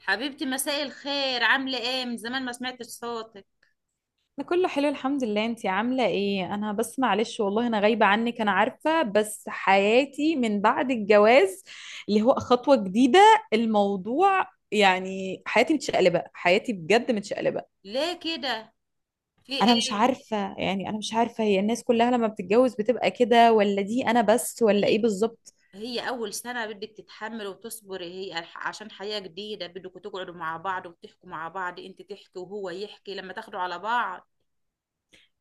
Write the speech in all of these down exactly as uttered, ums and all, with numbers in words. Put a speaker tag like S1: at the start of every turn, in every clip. S1: حبيبتي، مساء الخير. عاملة ايه؟ من زمان ما سمعتش صوتك.
S2: انا كله حلو، الحمد لله. انتي عامله ايه؟ انا بس معلش، والله انا غايبه عنك، انا عارفه، بس حياتي من بعد الجواز اللي هو خطوه جديده، الموضوع يعني حياتي متشقلبه، حياتي بجد متشقلبه.
S1: ليه كده؟ في
S2: انا مش
S1: ايه؟
S2: عارفه، يعني انا مش عارفه هي الناس كلها لما بتتجوز بتبقى كده، ولا دي انا بس، ولا ايه
S1: هي
S2: بالظبط؟
S1: هي اول سنة، بدك تتحمل وتصبري. هي الح- عشان حياة جديدة، بدكوا تقعدوا مع بعض وتحكوا مع بعض، انت تحكي وهو يحكي لما تاخدوا على بعض.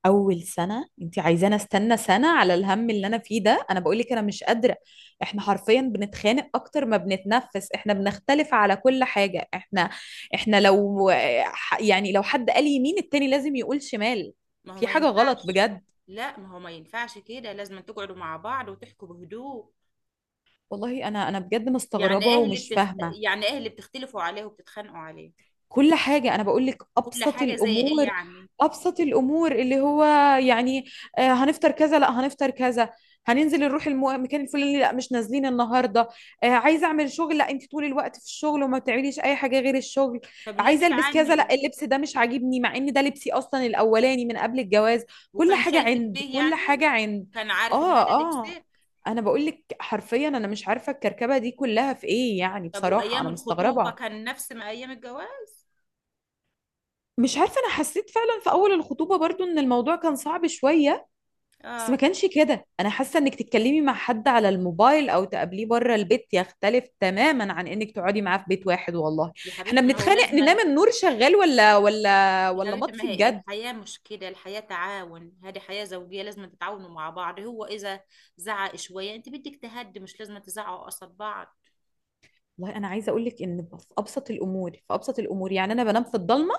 S2: اول سنه انت عايزاني استنى سنه على الهم اللي انا فيه ده؟ انا بقول لك انا مش قادره. احنا حرفيا بنتخانق اكتر ما بنتنفس، احنا بنختلف على كل حاجه. احنا احنا لو يعني لو حد قال يمين التاني لازم يقول شمال.
S1: ما هو
S2: في
S1: ما
S2: حاجه غلط
S1: ينفعش.
S2: بجد.
S1: لا، ما هو ما ينفعش كده، لازم تقعدوا مع بعض وتحكوا بهدوء.
S2: والله انا انا بجد
S1: يعني
S2: مستغربه
S1: ايه اللي
S2: ومش
S1: بتخت...
S2: فاهمه.
S1: يعني ايه اللي بتختلفوا عليه وبتتخانقوا عليه؟
S2: كل حاجة، أنا بقول لك
S1: كل
S2: أبسط
S1: حاجة زي ايه
S2: الأمور.
S1: يعني؟
S2: أبسط الأمور اللي هو يعني آه، هنفطر كذا لا هنفطر كذا. هننزل نروح المو- المكان الفلاني، لا مش نازلين النهاردة. آه، عايزة أعمل شغل، لا أنت طول الوقت في الشغل وما بتعمليش أي حاجة غير الشغل.
S1: طب ليه
S2: عايزة ألبس كذا،
S1: بتعاندوا؟
S2: لا اللبس ده مش عاجبني، مع إن ده لبسي أصلا الأولاني من قبل الجواز. كل
S1: وكان
S2: حاجة
S1: شايفك
S2: عند،
S1: بيه
S2: كل
S1: يعني؟
S2: حاجة عند.
S1: كان عارف ان
S2: آه،
S1: هذا
S2: آه.
S1: لبسك؟
S2: أنا بقول لك حرفيا، أنا مش عارفة الكركبة دي كلها في إيه يعني،
S1: طب
S2: بصراحة
S1: وايام
S2: أنا
S1: الخطوبه
S2: مستغربة.
S1: كان نفس ما ايام الجواز؟
S2: مش عارفة، أنا حسيت فعلا في أول الخطوبة برضو إن الموضوع كان صعب شوية. بس ما
S1: اه.
S2: كانش كده. أنا حاسة إنك تتكلمي مع حد على الموبايل أو تقابليه بره البيت يختلف تماما عن إنك تقعدي معاه في بيت واحد، والله.
S1: يا
S2: إحنا
S1: حبيبتي ما هو
S2: بنتخانق، ننام
S1: لازما.
S2: النور شغال ولا ولا
S1: يا
S2: ولا
S1: حبيبتي، ما
S2: مطفي
S1: هي
S2: بجد.
S1: الحياه مش كده، الحياه تعاون، هذه حياه زوجيه لازم تتعاونوا مع بعض. هو اذا زعق شويه انت بدك تهدي، مش لازم تزعقوا قصاد بعض.
S2: والله أنا عايزة أقول لك إن في أبسط الأمور، في أبسط الأمور يعني أنا بنام في الضلمة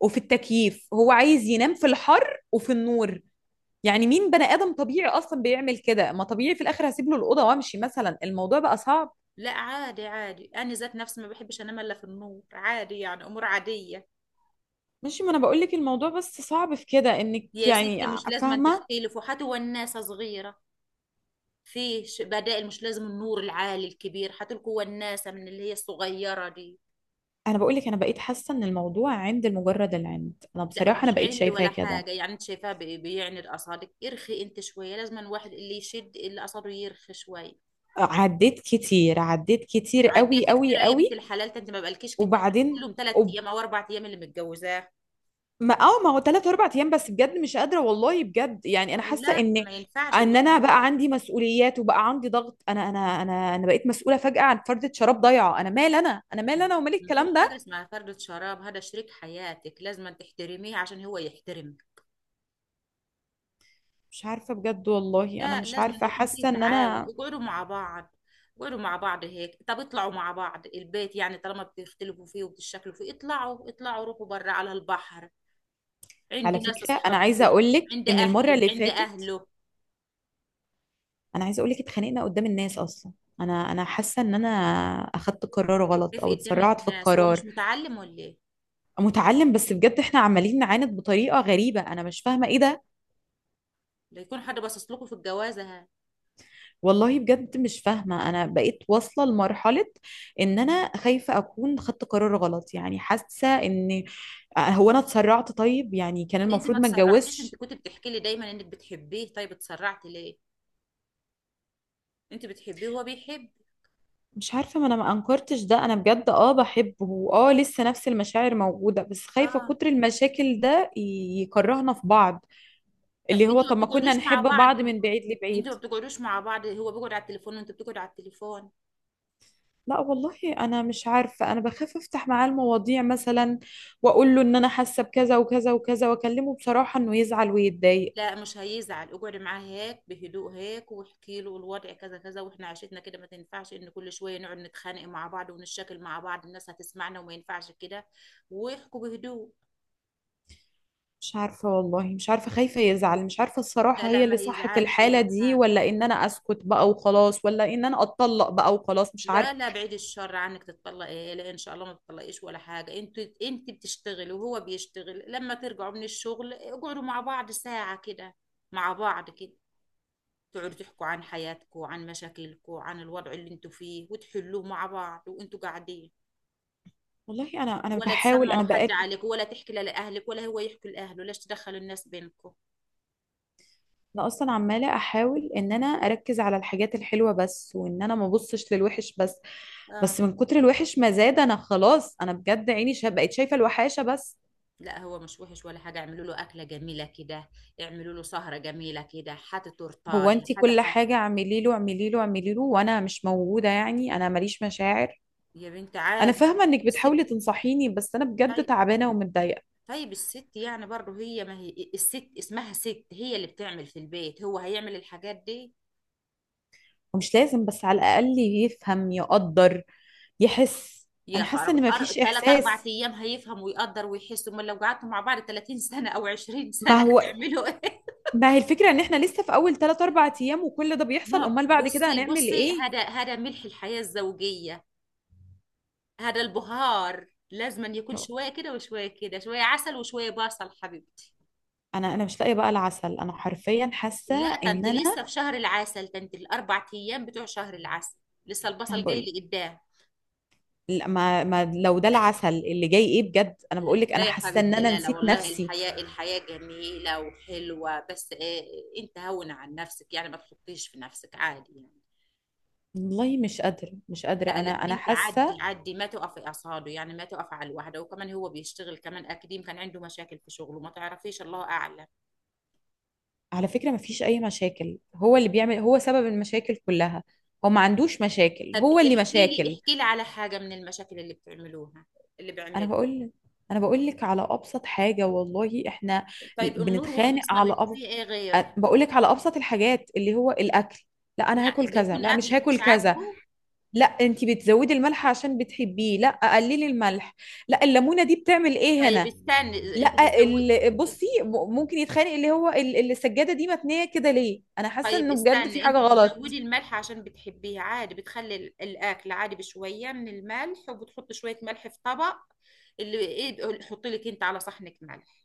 S2: وفي التكييف، هو عايز ينام في الحر وفي النور. يعني مين بني آدم طبيعي أصلا بيعمل كده؟ ما طبيعي في الآخر هسيب له الأوضة وأمشي مثلا، الموضوع بقى صعب.
S1: لا، عادي عادي، انا ذات نفسي ما بحبش انام الا في النور، عادي يعني، امور عاديه.
S2: ماشي، ما انا بقول لك الموضوع بس صعب في كده انك
S1: يا
S2: يعني.
S1: ستي مش لازم
S2: فاهمه.
S1: تختلفوا حتى والناس صغيره. فيه ش- بدائل، مش لازم النور العالي الكبير، حتلكوا وناسة من اللي هي الصغيرة دي.
S2: انا بقول لك، انا بقيت حاسه ان الموضوع عند، مجرد العند. انا
S1: لا،
S2: بصراحه انا
S1: مش
S2: بقيت
S1: عندي
S2: شايفاه
S1: ولا
S2: كده.
S1: حاجة، يعني انت شايفاها بي- بيعني الأصابع، ارخي انت شوية، لازم الواحد اللي يشد اللي أصابعه يرخي شوية.
S2: عديت كتير، عديت كتير قوي
S1: عديت كتير
S2: قوي
S1: يا بنت
S2: قوي.
S1: الحلال، انت ما بقالكيش كتير.
S2: وبعدين.
S1: كلهم ثلاث
S2: وب...
S1: ايام او اربع ايام اللي متجوزاه.
S2: ما اه ما هو ثلاث اربع ايام، بس بجد مش قادره والله، بجد يعني انا
S1: بقول
S2: حاسه
S1: لا،
S2: ان
S1: ما ينفعش
S2: ان انا
S1: الواحد.
S2: بقى عندي مسؤوليات وبقى عندي ضغط، انا انا انا انا بقيت مسؤوله فجاه عن فردة شراب ضايعه. انا مال انا، انا مال انا ومال
S1: ما
S2: الكلام
S1: فيش
S2: ده.
S1: حاجة اسمها فردة شراب، هذا شريك حياتك لازم تحترميه عشان هو يحترمك.
S2: مش عارفه بجد، والله انا
S1: لا،
S2: مش
S1: لازم
S2: عارفه،
S1: يكون في
S2: حاسه ان
S1: تعاون،
S2: انا.
S1: اقعدوا مع بعض. اقعدوا مع بعض هيك، طب اطلعوا مع بعض، البيت يعني طالما بتختلفوا فيه وبتشكلوا فيه، اطلعوا، اطلعوا روحوا برا على البحر، عند
S2: على
S1: ناس
S2: فكرة أنا عايزة
S1: اصحابكم،
S2: أقولك
S1: عند
S2: إن المرة
S1: اهلك،
S2: اللي
S1: عند
S2: فاتت،
S1: اهله.
S2: أنا عايزة أقولك اتخانقنا قدام الناس أصلا. أنا أنا حاسة إن أنا أخدت قرار غلط
S1: كيف
S2: أو
S1: قدام
S2: اتسرعت في
S1: الناس، هو
S2: القرار.
S1: مش متعلم ولا ايه؟
S2: متعلم، بس بجد إحنا عمالين نعاند بطريقة غريبة، أنا مش فاهمة إيه ده.
S1: لا يكون حد باصص لكم في الجوازه، ها؟
S2: والله بجد مش فاهمة. أنا بقيت واصلة لمرحلة إن أنا خايفة أكون خدت قرار غلط، يعني حاسة إن هو أنا اتسرعت؟ طيب يعني كان
S1: ليه انت
S2: المفروض
S1: ما
S2: ما
S1: تسرعتيش؟ انت
S2: اتجوزش.
S1: كنت بتحكي لي دايما انك بتحبيه، طيب اتسرعتي ليه؟ انت بتحبيه وهو بيحب.
S2: مش عارفة، ما انا ما انكرتش ده، انا بجد اه بحبه، واه لسه نفس المشاعر موجودة، بس خايفة
S1: اه.
S2: كتر المشاكل ده ي- يكرهنا في بعض.
S1: طب
S2: اللي
S1: انتوا
S2: هو
S1: ما
S2: طب، ما كنا
S1: بتقعدوش مع
S2: نحب
S1: بعض؟
S2: بعض من بعيد
S1: انتوا
S2: لبعيد.
S1: ما بتقعدوش مع بعض، هو بيقعد على التليفون وانت بتقعد على التليفون.
S2: لا والله، انا مش عارفة، انا بخاف افتح معاه المواضيع مثلا، واقول له ان انا حاسة بكذا وكذا وكذا، واكلمه بصراحة، انه يزعل ويتضايق.
S1: لا، مش هيزعل، اقعدي معاه هيك بهدوء هيك واحكي له الوضع كذا كذا، واحنا عشتنا كده، ما تنفعش ان كل شويه نقعد نتخانق مع بعض ونشكل مع بعض، الناس هتسمعنا وما ينفعش كده. واحكوا بهدوء.
S2: مش عارفة، والله مش عارفة، خايفة يزعل، مش عارفة
S1: لا
S2: الصراحة
S1: لا،
S2: هي
S1: ما
S2: اللي صح في
S1: هيزعلش
S2: الحالة
S1: ولا
S2: دي،
S1: حاجه،
S2: ولا
S1: لا.
S2: ان انا اسكت بقى وخلاص، ولا ان انا اتطلق بقى وخلاص، مش عارفة.
S1: لا لا، بعيد الشر عنك تتطلقي، لا ان شاء الله ما تتطلقيش ولا حاجه. انت انت بتشتغلي وهو بيشتغل، لما ترجعوا من الشغل اقعدوا مع بعض ساعه كده، مع بعض كده، تقعدوا تحكوا عن حياتكم، عن مشاكلكم، عن الوضع اللي انتوا فيه، وتحلوه مع بعض وانتوا قاعدين.
S2: والله انا انا
S1: ولا
S2: بحاول،
S1: تسمعوا
S2: انا
S1: حد
S2: بقالي
S1: عليك، ولا تحكي لا لأهلك ولا هو يحكي لأهله، ليش تدخلوا الناس بينكم؟
S2: انا اصلا عماله احاول ان انا اركز على الحاجات الحلوه بس، وان انا ما ابصش للوحش بس.
S1: اه.
S2: بس من كتر الوحش ما زاد، انا خلاص انا بجد عيني شا... بقيت شايفه الوحاشه بس.
S1: لا، هو مش وحش ولا حاجة، اعملوا له أكلة جميلة كده، اعملوا له سهرة جميلة كده، حتى
S2: هو
S1: تورتاية،
S2: انتي
S1: حتى
S2: كل
S1: حاجة.
S2: حاجه اعملي له، اعملي له، اعملي له، وانا مش موجوده يعني، انا ماليش مشاعر.
S1: يا بنت
S2: انا
S1: عارفة.
S2: فاهمه انك
S1: الست.
S2: بتحاولي تنصحيني، بس انا بجد
S1: طيب.
S2: تعبانه ومتضايقه.
S1: طيب الست يعني برضه هي، ما هي الست اسمها ست، هي اللي بتعمل في البيت، هو هيعمل الحاجات دي؟
S2: ومش لازم، بس على الاقل يفهم، يقدر، يحس.
S1: يا
S2: انا حاسه
S1: خراب،
S2: ان
S1: أر...
S2: مفيش
S1: تلات
S2: احساس.
S1: أربع أيام هيفهم ويقدر ويحس؟ أمال لو قعدتوا مع بعض ثلاثين سنة أو عشرين
S2: ما
S1: سنة
S2: هو،
S1: هتعملوا إيه؟
S2: ما هي الفكرة ان احنا لسه في اول ثلاثة اربعة ايام وكل ده بيحصل،
S1: ما
S2: امال بعد كده
S1: بصي
S2: هنعمل
S1: بصي،
S2: ايه؟
S1: هذا هذا ملح الحياة الزوجية، هذا البهار لازم أن يكون شوية كده وشوية كده، شوية عسل وشوية بصل، حبيبتي.
S2: انا انا مش لاقية بقى العسل، انا حرفيا حاسة
S1: لا،
S2: ان
S1: تنت
S2: انا.
S1: لسه في شهر العسل، تنت الأربع أيام بتوع شهر العسل، لسه
S2: انا
S1: البصل جاي
S2: بقول
S1: لقدام.
S2: لا، ما, ما لو ده العسل اللي جاي ايه بجد، انا بقول لك
S1: لا
S2: انا
S1: يا
S2: حاسة ان
S1: حبيبتي،
S2: انا
S1: لا لا
S2: نسيت
S1: والله،
S2: نفسي.
S1: الحياة الحياة جميلة وحلوة، بس إيه، أنت هون عن نفسك يعني، ما تحطيش في نفسك، عادي يعني.
S2: والله مش قادرة، مش قادرة،
S1: لا
S2: انا
S1: لا،
S2: انا
S1: انت عدي
S2: حاسة.
S1: عدي، ما تقفي اصهاده يعني، ما تقفي على الواحده، وكمان هو بيشتغل، كمان اكاديم كان عنده مشاكل في شغله ما تعرفيش، الله اعلم.
S2: على فكرة، ما فيش اي مشاكل، هو اللي بيعمل، هو سبب المشاكل كلها. هو ما عندوش مشاكل،
S1: طب
S2: هو اللي
S1: احكي لي
S2: مشاكل.
S1: احكي لي على حاجه من المشاكل اللي بتعملوها، اللي
S2: انا
S1: بيعملها.
S2: بقول انا بقول لك على ابسط حاجة. والله احنا
S1: طيب النور
S2: بنتخانق
S1: وخلصنا
S2: على
S1: منه،
S2: أب...
S1: في ايه غيره؟
S2: أ- بقولك على ابسط الحاجات اللي هو الاكل. لا، انا
S1: يعني
S2: هاكل كذا،
S1: بيكون
S2: لا مش
S1: اكلك مش
S2: هاكل كذا.
S1: عاجبه؟
S2: لا انت بتزودي الملح عشان بتحبيه، لا قللي الملح. لا، الليمونه دي بتعمل ايه
S1: طيب
S2: هنا؟
S1: استني، انت
S2: لا
S1: بتزودي.
S2: ال- بصي، م- ممكن يتخانق اللي هو ال- السجاده دي متنيه كده ليه؟ انا حاسه
S1: طيب
S2: انه بجد في
S1: استني، انت
S2: حاجه غلط.
S1: بتزودي الملح عشان بتحبيه، عادي، بتخلي ال- الاكل عادي بشويه من الملح، وبتحط شويه ملح في طبق، اللي ايه، حطي لك انت على صحنك ملح،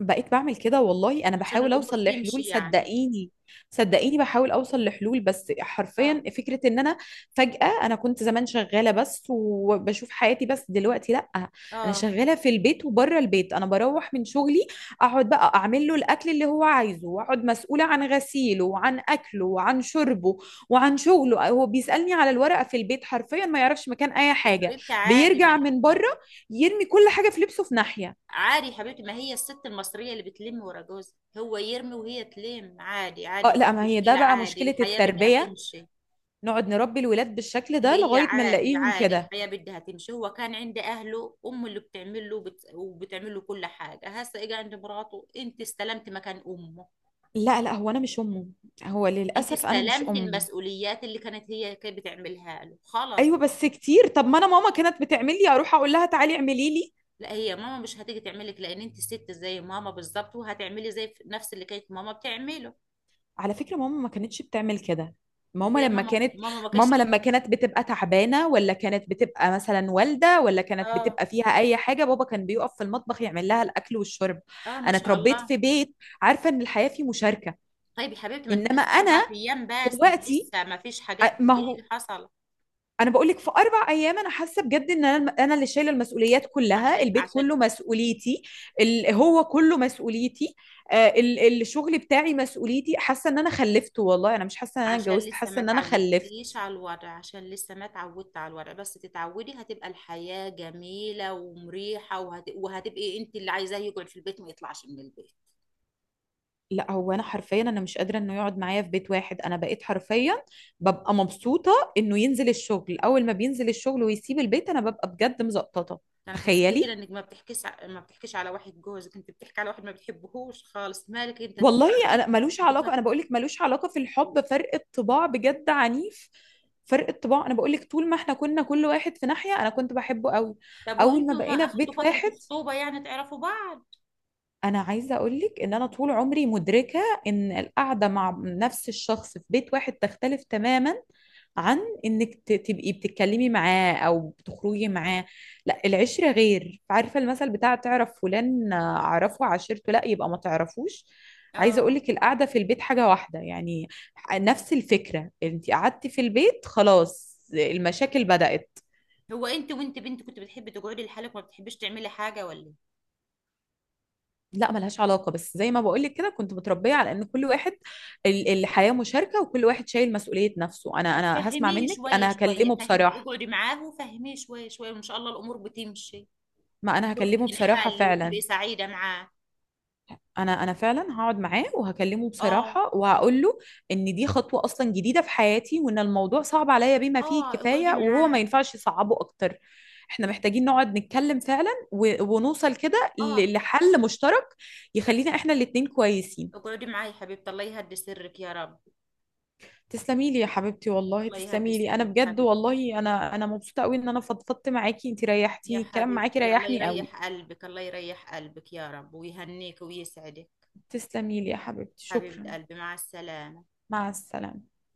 S2: بقيت بعمل كده، والله انا
S1: عشان
S2: بحاول
S1: الامور
S2: اوصل
S1: تمشي
S2: لحلول،
S1: يعني.
S2: صدقيني. صدقيني بحاول اوصل لحلول، بس حرفيا
S1: اه.
S2: فكرة ان انا فجأة. انا كنت زمان شغالة بس، وبشوف حياتي بس، دلوقتي لا. انا
S1: اه.
S2: شغالة في البيت وبره البيت، انا بروح من شغلي، اقعد بقى اعمل له الاكل اللي هو عايزه، واقعد مسؤولة عن غسيله وعن اكله وعن شربه وعن شغله. هو بيسألني على الورقة في البيت، حرفيا ما يعرفش مكان اي
S1: يا
S2: حاجة.
S1: حبيبتي عادي، ما
S2: بيرجع من
S1: ما-
S2: بره يرمي كل حاجة، في لبسه في ناحية.
S1: عادي يا حبيبتي، ما هي الست المصرية اللي بتلم ورا جوزها، هو يرمي وهي تلم، عادي عادي،
S2: اه
S1: مفيش
S2: لا، ما هي ده
S1: مشكلة،
S2: بقى
S1: عادي،
S2: مشكلة
S1: الحياة بدها
S2: التربية.
S1: تمشي.
S2: نقعد نربي الولاد بالشكل ده
S1: هي
S2: لغاية ما
S1: عادي
S2: نلاقيهم
S1: عادي،
S2: كده.
S1: الحياة بدها تمشي. هو كان عند أهله، أمه اللي بتعمل له وبت... وبتعمل له كل حاجة، هسه إجا عند مراته، أنت استلمت مكان أمه،
S2: لا، لا، هو انا مش امه. هو
S1: أنت
S2: للأسف انا مش
S1: استلمت
S2: امه.
S1: المسؤوليات اللي كانت هي كانت بتعملها له، خلاص.
S2: ايوه بس كتير. طب ما انا ماما كانت بتعمل لي، اروح اقول لها تعالي اعملي لي.
S1: لا، هي ماما مش هتيجي تعملك، لان انت ست زي ماما بالظبط، وهتعملي زي ف- نفس اللي كانت ماما بتعمله،
S2: على فكرة، ماما ما كانتش بتعمل كده. ماما
S1: زي
S2: لما
S1: ماما
S2: كانت
S1: ماما ما كانتش
S2: ماما لما
S1: بت-
S2: كانت بتبقى تعبانة، ولا كانت بتبقى مثلا والدة، ولا كانت
S1: اه.
S2: بتبقى فيها اي حاجة، بابا كان بيقف في المطبخ يعمل لها الاكل والشرب.
S1: اه، ما
S2: انا
S1: شاء
S2: اتربيت
S1: الله.
S2: في بيت عارفة ان الحياة فيه مشاركة.
S1: طيب يا حبيبتي، ما انت
S2: انما
S1: لسه
S2: انا
S1: اربع ايام بس، انت
S2: دلوقتي،
S1: لسه ما فيش حاجات
S2: أ-
S1: من
S2: ما
S1: دي
S2: هو
S1: اللي حصل.
S2: انا بقول لك في اربع ايام، انا حاسه بجد ان انا انا اللي شايله المسؤوليات كلها،
S1: عشان
S2: البيت
S1: عشان
S2: كله مسؤوليتي. ال- هو كله مسؤوليتي. آه، ال- الشغل بتاعي مسؤوليتي. حاسه ان انا خلفت، والله انا مش حاسه ان انا
S1: عشان
S2: اتجوزت،
S1: لسه
S2: حاسه
S1: ما
S2: ان انا خلفت.
S1: تعودتيش على الوضع، عشان لسه ما تعودت على الوضع، بس تتعودي هتبقى الحياة جميلة ومريحة، وهت... وهتبقي انت اللي عايزاه يقعد في البيت، ما يطلعش من البيت.
S2: لا هو انا حرفيا، انا مش قادره انه يقعد معايا في بيت واحد. انا بقيت حرفيا ببقى مبسوطه انه ينزل الشغل، اول ما بينزل الشغل ويسيب البيت انا ببقى بجد مزقططه.
S1: انا حسيت كده
S2: تخيلي،
S1: انك ما بتحكيش ع- ما بتحكيش على واحد جوزك، انت بتحكي على واحد ما بتحبهوش خالص، مالك انت، أنت
S2: والله
S1: عارفين.
S2: انا ملوش
S1: بت-
S2: علاقه، انا بقول لك ملوش علاقه في الحب، فرق الطباع بجد عنيف. فرق الطباع، انا بقول لك طول ما احنا كنا كل واحد في ناحيه، انا كنت بحبه قوي.
S1: طب
S2: اول ما
S1: وانتوا ما
S2: بقينا في
S1: اخدتوا
S2: بيت
S1: فترة
S2: واحد.
S1: خطوبة يعني تعرفوا بعض؟
S2: انا عايزه اقولك ان انا طول عمري مدركه ان القعده مع نفس الشخص في بيت واحد تختلف تماما عن انك ت- تبقي بتتكلمي معاه او بتخرجي معاه. لا، العشره غير. عارفه المثل بتاع تعرف فلان؟ آه، اعرفه عشرته؟ لا يبقى ما تعرفوش. عايزه
S1: اه.
S2: اقولك القعده في البيت حاجه واحده يعني، نفس الفكره. انت قعدتي في البيت، خلاص المشاكل بدأت.
S1: هو انت وانت بنت كنت بتحبي تقعدي لحالك وما بتحبيش تعملي حاجة ولا إيه؟
S2: لا، ملهاش علاقة، بس زي ما بقولك كده، كنت متربية على ان كل واحد ال- الحياة مشاركة، وكل واحد شايل مسؤولية نفسه. انا
S1: طب
S2: انا هسمع
S1: فهميه
S2: منك،
S1: شوية
S2: انا
S1: شوية،
S2: هكلمه
S1: فهمي،
S2: بصراحة.
S1: اقعدي معاه وفهميه شوية شوية، وان شاء الله الامور بتمشي،
S2: ما انا
S1: الامور
S2: هكلمه بصراحة
S1: بتنحل
S2: فعلا.
S1: وبتبقي سعيدة معاه.
S2: انا انا فعلا هقعد معاه وهكلمه
S1: اه.
S2: بصراحة، وهقول له ان دي خطوة اصلا جديدة في حياتي، وان الموضوع صعب عليا بما فيه
S1: اه.
S2: الكفاية،
S1: اقعدي
S2: وهو ما
S1: معاه.
S2: ينفعش يصعبه اكتر. احنا محتاجين نقعد نتكلم فعلا و- ونوصل كده
S1: اه،
S2: ل- لحل مشترك يخلينا احنا الاتنين كويسين.
S1: اقعدي معاه يا حبيبتي، الله يهدي سرك يا رب.
S2: تسلمي لي يا حبيبتي، والله
S1: الله يهدي
S2: تسلمي لي. انا
S1: سرك
S2: بجد
S1: حبيبتي.
S2: والله انا انا مبسوطه قوي ان انا فضفضت معاكي. انت
S1: يا
S2: ريحتيني، الكلام معاكي
S1: حبيبتي، الله
S2: ريحني قوي.
S1: يريح قلبك، الله يريح قلبك يا رب، ويهنيك ويسعدك.
S2: تسلمي لي يا حبيبتي،
S1: حبيبة
S2: شكرا.
S1: قلبي، مع السلامة.
S2: مع السلامه.